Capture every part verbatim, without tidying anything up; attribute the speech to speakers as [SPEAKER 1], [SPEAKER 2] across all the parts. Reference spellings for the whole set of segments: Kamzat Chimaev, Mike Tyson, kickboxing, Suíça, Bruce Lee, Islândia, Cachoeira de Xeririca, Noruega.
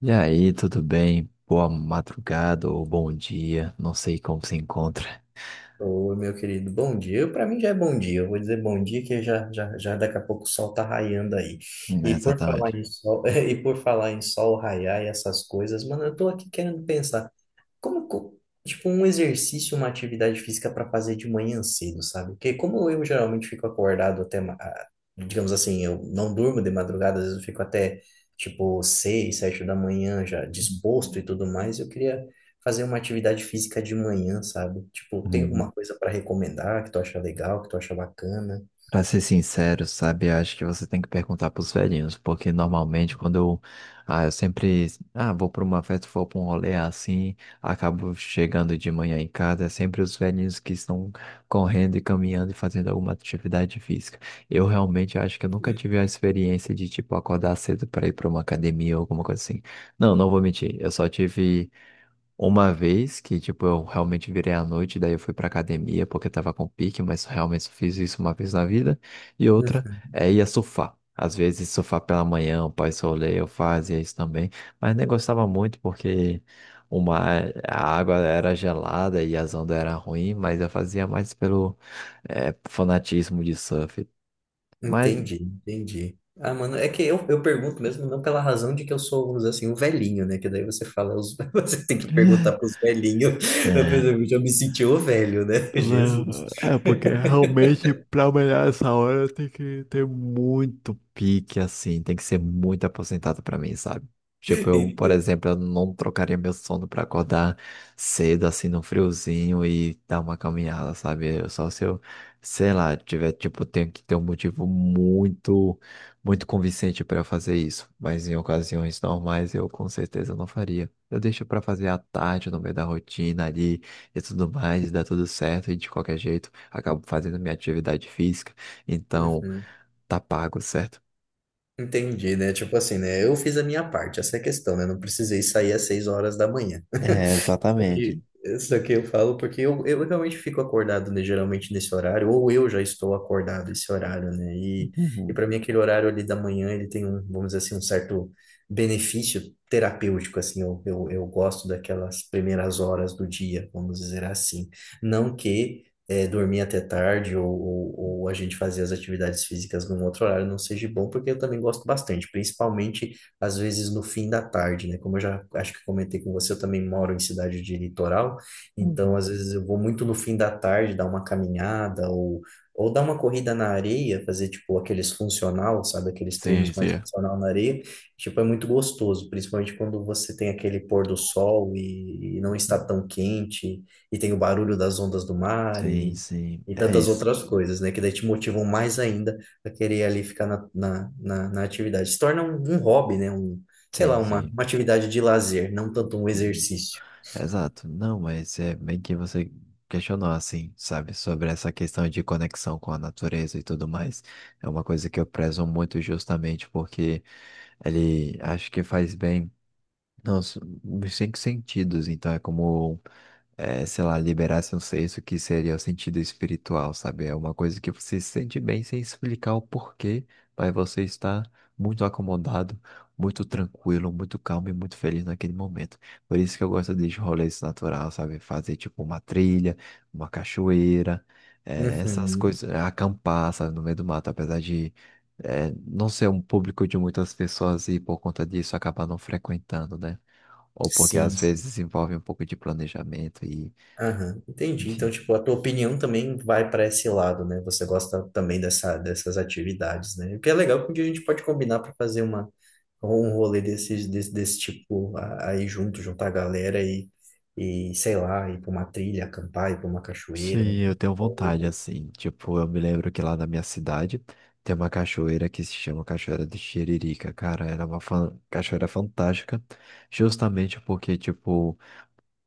[SPEAKER 1] E aí, tudo bem? Boa madrugada ou bom dia, não sei como se encontra.
[SPEAKER 2] Ô, meu querido, bom dia. Para mim já é bom dia. Eu vou dizer bom dia que já, já, já daqui a pouco o sol tá raiando aí.
[SPEAKER 1] Né,
[SPEAKER 2] E por falar
[SPEAKER 1] exatamente.
[SPEAKER 2] em sol, e por falar em sol raiar e essas coisas, mano, eu tô aqui querendo pensar. Como, co- tipo, um exercício, uma atividade física para fazer de manhã cedo, sabe? Porque como eu geralmente fico acordado até, ma- ah, digamos assim, eu não durmo de madrugada, às vezes eu fico até, tipo, seis, sete da manhã já disposto e tudo mais, eu queria fazer uma atividade física de manhã, sabe? Tipo, tem
[SPEAKER 1] Uhum.
[SPEAKER 2] alguma coisa para recomendar que tu acha legal, que tu acha bacana?
[SPEAKER 1] Pra ser sincero, sabe, eu acho que você tem que perguntar pros velhinhos, porque normalmente quando eu, ah, eu sempre, ah, vou pra uma festa, vou pra um rolê assim, acabo chegando de manhã em casa, é sempre os velhinhos que estão correndo e caminhando e fazendo alguma atividade física. Eu realmente acho que eu nunca tive a experiência de, tipo, acordar cedo pra ir pra uma academia ou alguma coisa assim. Não, não vou mentir, eu só tive uma vez que, tipo, eu realmente virei à noite, daí eu fui pra academia porque tava com pique, mas realmente só fiz isso uma vez na vida. E outra é ia surfar. Às vezes surfar pela manhã, o pai solê, eu fazia isso também. Mas nem gostava muito porque uma, a água era gelada e as ondas eram ruins, mas eu fazia mais pelo eh, fanatismo de surf. Mas
[SPEAKER 2] Entendi, entendi. Ah, mano, é que eu, eu pergunto mesmo não pela razão de que eu sou, vamos dizer assim, um velhinho, né? Que daí você fala, os- você tem que perguntar pros velhinhos. Eu, por
[SPEAKER 1] eh,
[SPEAKER 2] exemplo, já me senti o velho, né? Jesus.
[SPEAKER 1] Não, é porque realmente pra melhorar essa hora tem que ter muito pique, assim, tem que ser muito aposentado pra mim, sabe? Tipo, eu, por
[SPEAKER 2] Entendo.
[SPEAKER 1] exemplo, eu não trocaria meu sono pra acordar cedo, assim, no friozinho e dar uma caminhada, sabe? Eu só se eu, sei lá, tiver, tipo, tenho que ter um motivo muito, muito convincente pra eu fazer isso. Mas em ocasiões normais eu com certeza não faria. Eu deixo pra fazer à tarde, no meio da rotina ali e tudo mais, dá tudo certo e de qualquer jeito acabo fazendo minha atividade física, então
[SPEAKER 2] Uhum.
[SPEAKER 1] tá pago, certo?
[SPEAKER 2] Entendi, né? Tipo assim, né? Eu fiz a minha parte, essa é a questão, né? Não precisei sair às seis horas da manhã.
[SPEAKER 1] É,
[SPEAKER 2] Só
[SPEAKER 1] exatamente.
[SPEAKER 2] que, isso aqui eu falo porque eu, eu realmente fico acordado, né, geralmente nesse horário, ou eu já estou acordado esse horário, né? E, e
[SPEAKER 1] Uhum,
[SPEAKER 2] para mim aquele horário ali da manhã, ele tem um, vamos dizer assim, um certo benefício terapêutico, assim, eu, eu, eu gosto daquelas primeiras horas do dia, vamos dizer assim. Não que eh, dormir até tarde ou, ou, ou a gente fazer as atividades físicas num outro horário não seja bom, porque eu também gosto bastante, principalmente às vezes no fim da tarde, né? Como eu já acho que comentei com você, eu também moro em cidade de litoral, então
[SPEAKER 1] uhum.
[SPEAKER 2] às vezes eu vou muito no fim da tarde dar uma caminhada ou, ou dar uma corrida na areia, fazer tipo aqueles funcional, sabe? Aqueles
[SPEAKER 1] Sim,
[SPEAKER 2] treinos mais
[SPEAKER 1] sim.
[SPEAKER 2] funcional na areia. Tipo, é muito gostoso, principalmente quando você tem aquele pôr do sol e, e não está
[SPEAKER 1] Uhum.
[SPEAKER 2] tão quente, e tem o barulho das ondas do mar
[SPEAKER 1] Sim,
[SPEAKER 2] e,
[SPEAKER 1] sim.
[SPEAKER 2] e
[SPEAKER 1] É
[SPEAKER 2] tantas
[SPEAKER 1] isso.
[SPEAKER 2] outras coisas, né? Que daí te motivam mais ainda pra querer ali ficar na, na, na, na atividade. Se torna um, um hobby, né? Um, sei lá,
[SPEAKER 1] Sim,
[SPEAKER 2] uma,
[SPEAKER 1] sim.
[SPEAKER 2] uma atividade de lazer, não tanto um
[SPEAKER 1] Uhum.
[SPEAKER 2] exercício.
[SPEAKER 1] Exato. Não, mas é bem que você questionou, assim, sabe, sobre essa questão de conexão com a natureza e tudo mais. É uma coisa que eu prezo muito justamente porque ele acho que faz bem, não, s- nos cinco sentidos. Então é como é, sei lá, liberasse um senso que seria o sentido espiritual, sabe? É uma coisa que você se sente bem sem explicar o porquê, mas você está muito acomodado, muito tranquilo, muito calmo e muito feliz naquele momento. Por isso que eu gosto de rolês natural, sabe? Fazer tipo uma trilha, uma cachoeira, é, essas
[SPEAKER 2] Uhum.
[SPEAKER 1] coisas, é, acampar, sabe, no meio do mato, apesar de é, não ser um público de muitas pessoas e por conta disso acabar não frequentando, né? Ou porque
[SPEAKER 2] Sim,
[SPEAKER 1] às
[SPEAKER 2] sim.
[SPEAKER 1] vezes envolve um pouco de planejamento e
[SPEAKER 2] Aham, entendi. Então,
[SPEAKER 1] enfim.
[SPEAKER 2] tipo, a tua opinião também vai para esse lado, né? Você gosta também dessa, dessas atividades, né? O que é legal, porque a gente pode combinar para fazer uma, um rolê desses, desse, desse tipo a- aí junto, juntar a galera e, e, sei lá, ir para uma trilha, acampar, ir para uma cachoeira.
[SPEAKER 1] Sim, eu tenho vontade,
[SPEAKER 2] Ou...
[SPEAKER 1] assim. Tipo, eu me lembro que lá na minha cidade tem uma cachoeira que se chama Cachoeira de Xeririca. Cara, era uma fan- cachoeira fantástica, justamente porque, tipo,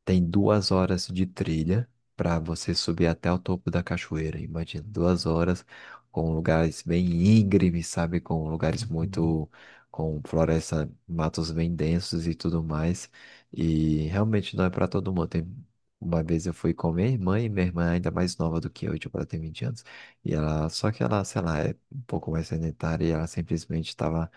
[SPEAKER 1] tem duas horas de trilha para você subir até o topo da cachoeira. Imagina, duas horas com lugares bem íngremes, sabe? Com lugares
[SPEAKER 2] Uhum,
[SPEAKER 1] muito, com floresta, matos bem densos e tudo mais. E realmente não é para todo mundo. Tem- Uma vez eu fui com minha irmã, e minha irmã é ainda mais nova do que eu, tipo, ela tem vinte anos. E ela, só que ela, sei lá, é um pouco mais sedentária e ela simplesmente estava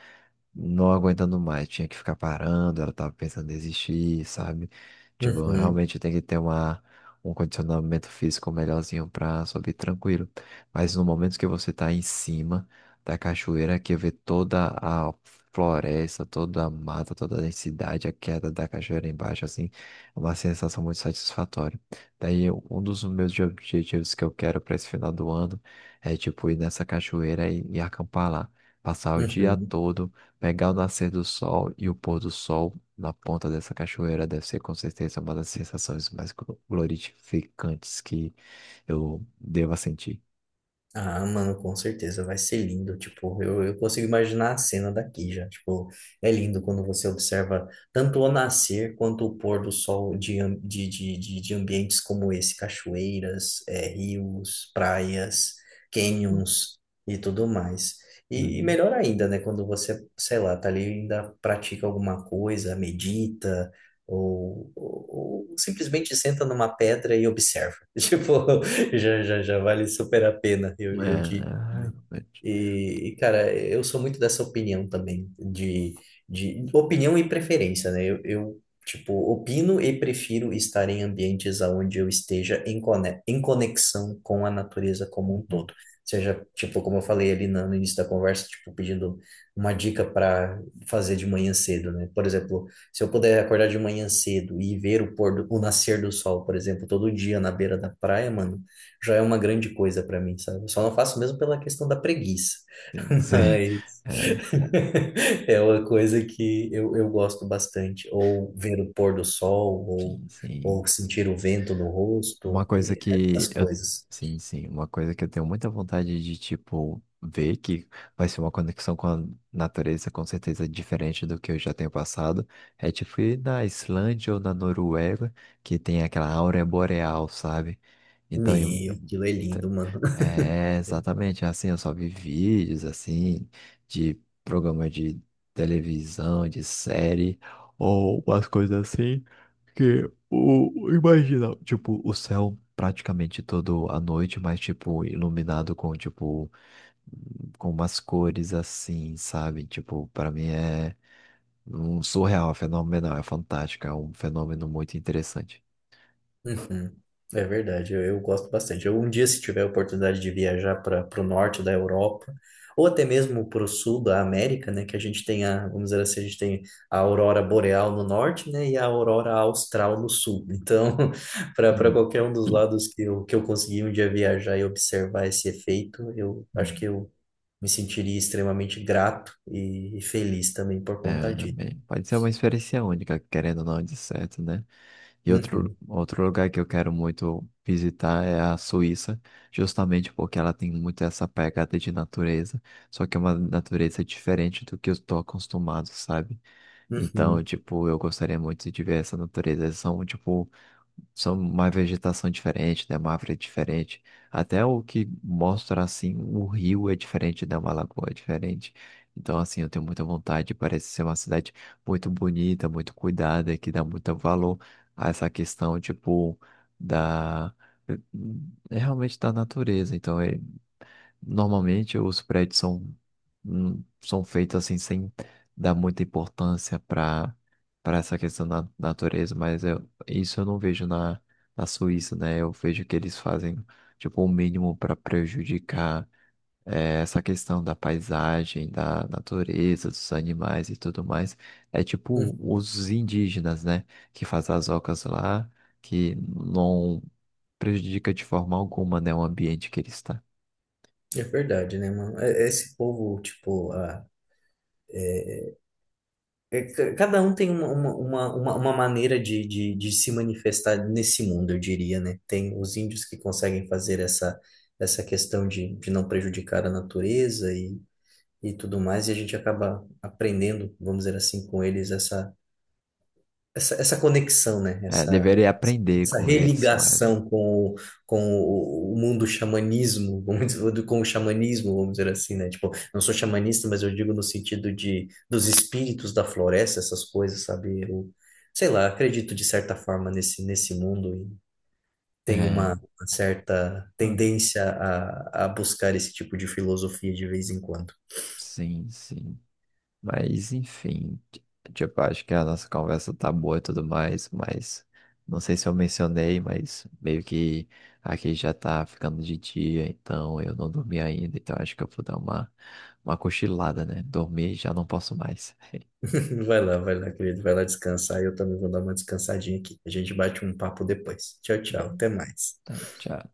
[SPEAKER 1] não aguentando mais, tinha que ficar parando, ela tava pensando em desistir, sabe? Tipo,
[SPEAKER 2] uhum,
[SPEAKER 1] realmente tem que ter uma, um condicionamento físico melhorzinho pra subir tranquilo. Mas no momento que você tá em cima da cachoeira, que vê toda a floresta, toda a mata, toda a densidade, a queda da cachoeira embaixo, assim, é uma sensação muito satisfatória. Daí, um dos meus objetivos que eu quero para esse final do ano é, tipo, ir nessa cachoeira e, e acampar lá. Passar o dia
[SPEAKER 2] uhum.
[SPEAKER 1] todo, pegar o nascer do sol e o pôr do sol na ponta dessa cachoeira deve ser com certeza uma das sensações mais glo- glorificantes que eu deva sentir.
[SPEAKER 2] Ah, mano, com certeza vai ser lindo. Tipo, eu, eu consigo imaginar a cena daqui já. Tipo, é lindo quando você observa tanto o nascer quanto o pôr do sol de, am- de, de, de, de ambientes como esse, cachoeiras, é, rios, praias,
[SPEAKER 1] Hum.
[SPEAKER 2] canyons e tudo mais. E, e
[SPEAKER 1] Uhum.
[SPEAKER 2] melhor ainda, né, quando você, sei lá, tá ali e ainda pratica alguma coisa, medita. Ou, ou, ou simplesmente senta numa pedra e observa. Tipo, já, já, já vale super a pena,
[SPEAKER 1] É,
[SPEAKER 2] eu, eu digo.
[SPEAKER 1] é, realmente.
[SPEAKER 2] E, e, cara, eu sou muito dessa opinião também, de, de opinião e preferência, né? Eu, eu, tipo, opino e prefiro estar em ambientes onde eu esteja em, cone- em conexão com a natureza como um
[SPEAKER 1] Uhum.
[SPEAKER 2] todo. Seja, tipo, como eu falei ali na- no início da conversa, tipo, pedindo uma dica para fazer de manhã cedo, né? Por exemplo, se eu puder acordar de manhã cedo e ver o pôr do, o nascer do sol, por exemplo, todo dia na beira da praia, mano já é uma grande coisa para mim, sabe? Eu só não faço mesmo pela questão da preguiça,
[SPEAKER 1] Sim, sim.
[SPEAKER 2] mas
[SPEAKER 1] É,
[SPEAKER 2] é uma coisa que eu, eu gosto bastante. Ou ver o pôr do sol, ou,
[SPEAKER 1] sim, sim.
[SPEAKER 2] ou sentir o vento no
[SPEAKER 1] Uma
[SPEAKER 2] rosto,
[SPEAKER 1] coisa
[SPEAKER 2] e
[SPEAKER 1] que
[SPEAKER 2] essas
[SPEAKER 1] eu.
[SPEAKER 2] coisas.
[SPEAKER 1] Sim, sim. Uma coisa que eu tenho muita vontade de, tipo, ver que vai ser uma conexão com a natureza, com certeza diferente do que eu já tenho passado. É tipo ir na Islândia ou na Noruega, que tem aquela áurea boreal, sabe? Então,
[SPEAKER 2] Meu, aquilo é lindo, mano.
[SPEAKER 1] é, exatamente, assim, eu só vi vídeos, assim, de programa de televisão, de série, ou umas coisas assim, que, o, imagina, tipo, o céu praticamente todo a noite, mas, tipo, iluminado com, tipo, com umas cores assim, sabe? Tipo, para mim é um surreal, é fenomenal, é fantástico, é um fenômeno muito interessante.
[SPEAKER 2] Uhum. É verdade, eu, eu gosto bastante. Eu, um dia, se tiver a oportunidade de viajar para o norte da Europa, ou até mesmo para o sul da América, né, que a gente tem a, vamos dizer assim, a gente tem a aurora boreal no norte, né, e a aurora austral no sul. Então, para para
[SPEAKER 1] Hum.
[SPEAKER 2] qualquer um dos lados que eu, que eu conseguir um dia viajar e observar esse efeito, eu acho que
[SPEAKER 1] Hum.
[SPEAKER 2] eu me sentiria extremamente grato e, e feliz também por conta disso.
[SPEAKER 1] Também. Pode ser uma experiência única, querendo ou não, de certo, né? E outro,
[SPEAKER 2] Uhum,
[SPEAKER 1] outro lugar que eu quero muito visitar é a Suíça, justamente porque ela tem muito essa pegada de natureza, só que é uma natureza diferente do que eu estou acostumado, sabe? Então,
[SPEAKER 2] uhum,
[SPEAKER 1] tipo, eu gostaria muito de ver essa natureza. São, tipo, são uma vegetação diferente, né? Uma árvore diferente. Até o que mostra assim, o rio é diferente, né? Uma lagoa é diferente. Então, assim, eu tenho muita vontade. Parece ser uma cidade muito bonita, muito cuidada, que dá muito valor a essa questão, tipo, da. É realmente da natureza. Então, é normalmente os prédios são, hum, são feitos assim sem dar muita importância para para essa questão da natureza, mas eu, isso eu não vejo na, na Suíça, né? Eu vejo que eles fazem tipo o mínimo para prejudicar eh, essa questão da paisagem, da natureza, dos animais e tudo mais. É tipo
[SPEAKER 2] uhum.
[SPEAKER 1] os indígenas, né? Que fazem as ocas lá, que não prejudica de forma alguma, né, o ambiente que ele está.
[SPEAKER 2] É verdade, né, mano? É- é esse povo, tipo, ah, é ca- cada um tem uma, uma, uma, uma uma maneira de, de, de se manifestar nesse mundo, eu diria, né? Tem os índios que conseguem fazer essa, essa questão de, de não prejudicar a natureza e, e tudo mais, e a gente acaba aprendendo, vamos dizer assim, com eles essa, essa conexão, né?
[SPEAKER 1] É,
[SPEAKER 2] Essa,
[SPEAKER 1] deveria aprender
[SPEAKER 2] essa
[SPEAKER 1] com eles, mano.
[SPEAKER 2] religação com, com o mundo xamanismo, vamos dizer, com o xamanismo, vamos dizer assim, né? Tipo, não sou xamanista, mas eu digo no sentido de dos espíritos da floresta, essas coisas, sabe? Eu, sei lá, acredito de certa forma nesse, nesse mundo e tenho
[SPEAKER 1] É,
[SPEAKER 2] uma, uma certa
[SPEAKER 1] não,
[SPEAKER 2] tendência a, a buscar esse tipo de filosofia de vez em quando.
[SPEAKER 1] sim, sim. Mas, enfim, ti- tipo, acho que a nossa conversa tá boa e tudo mais, mas não sei se eu mencionei, mas meio que aqui já tá ficando de dia, então eu não dormi ainda, então acho que eu vou dar uma, uma cochilada, né? Dormir já não posso mais.
[SPEAKER 2] Vai lá, vai lá, querido. Vai lá descansar. Eu também vou dar uma descansadinha aqui. A gente bate um papo depois. Tchau, tchau. Até
[SPEAKER 1] Tá,
[SPEAKER 2] mais.
[SPEAKER 1] tchau.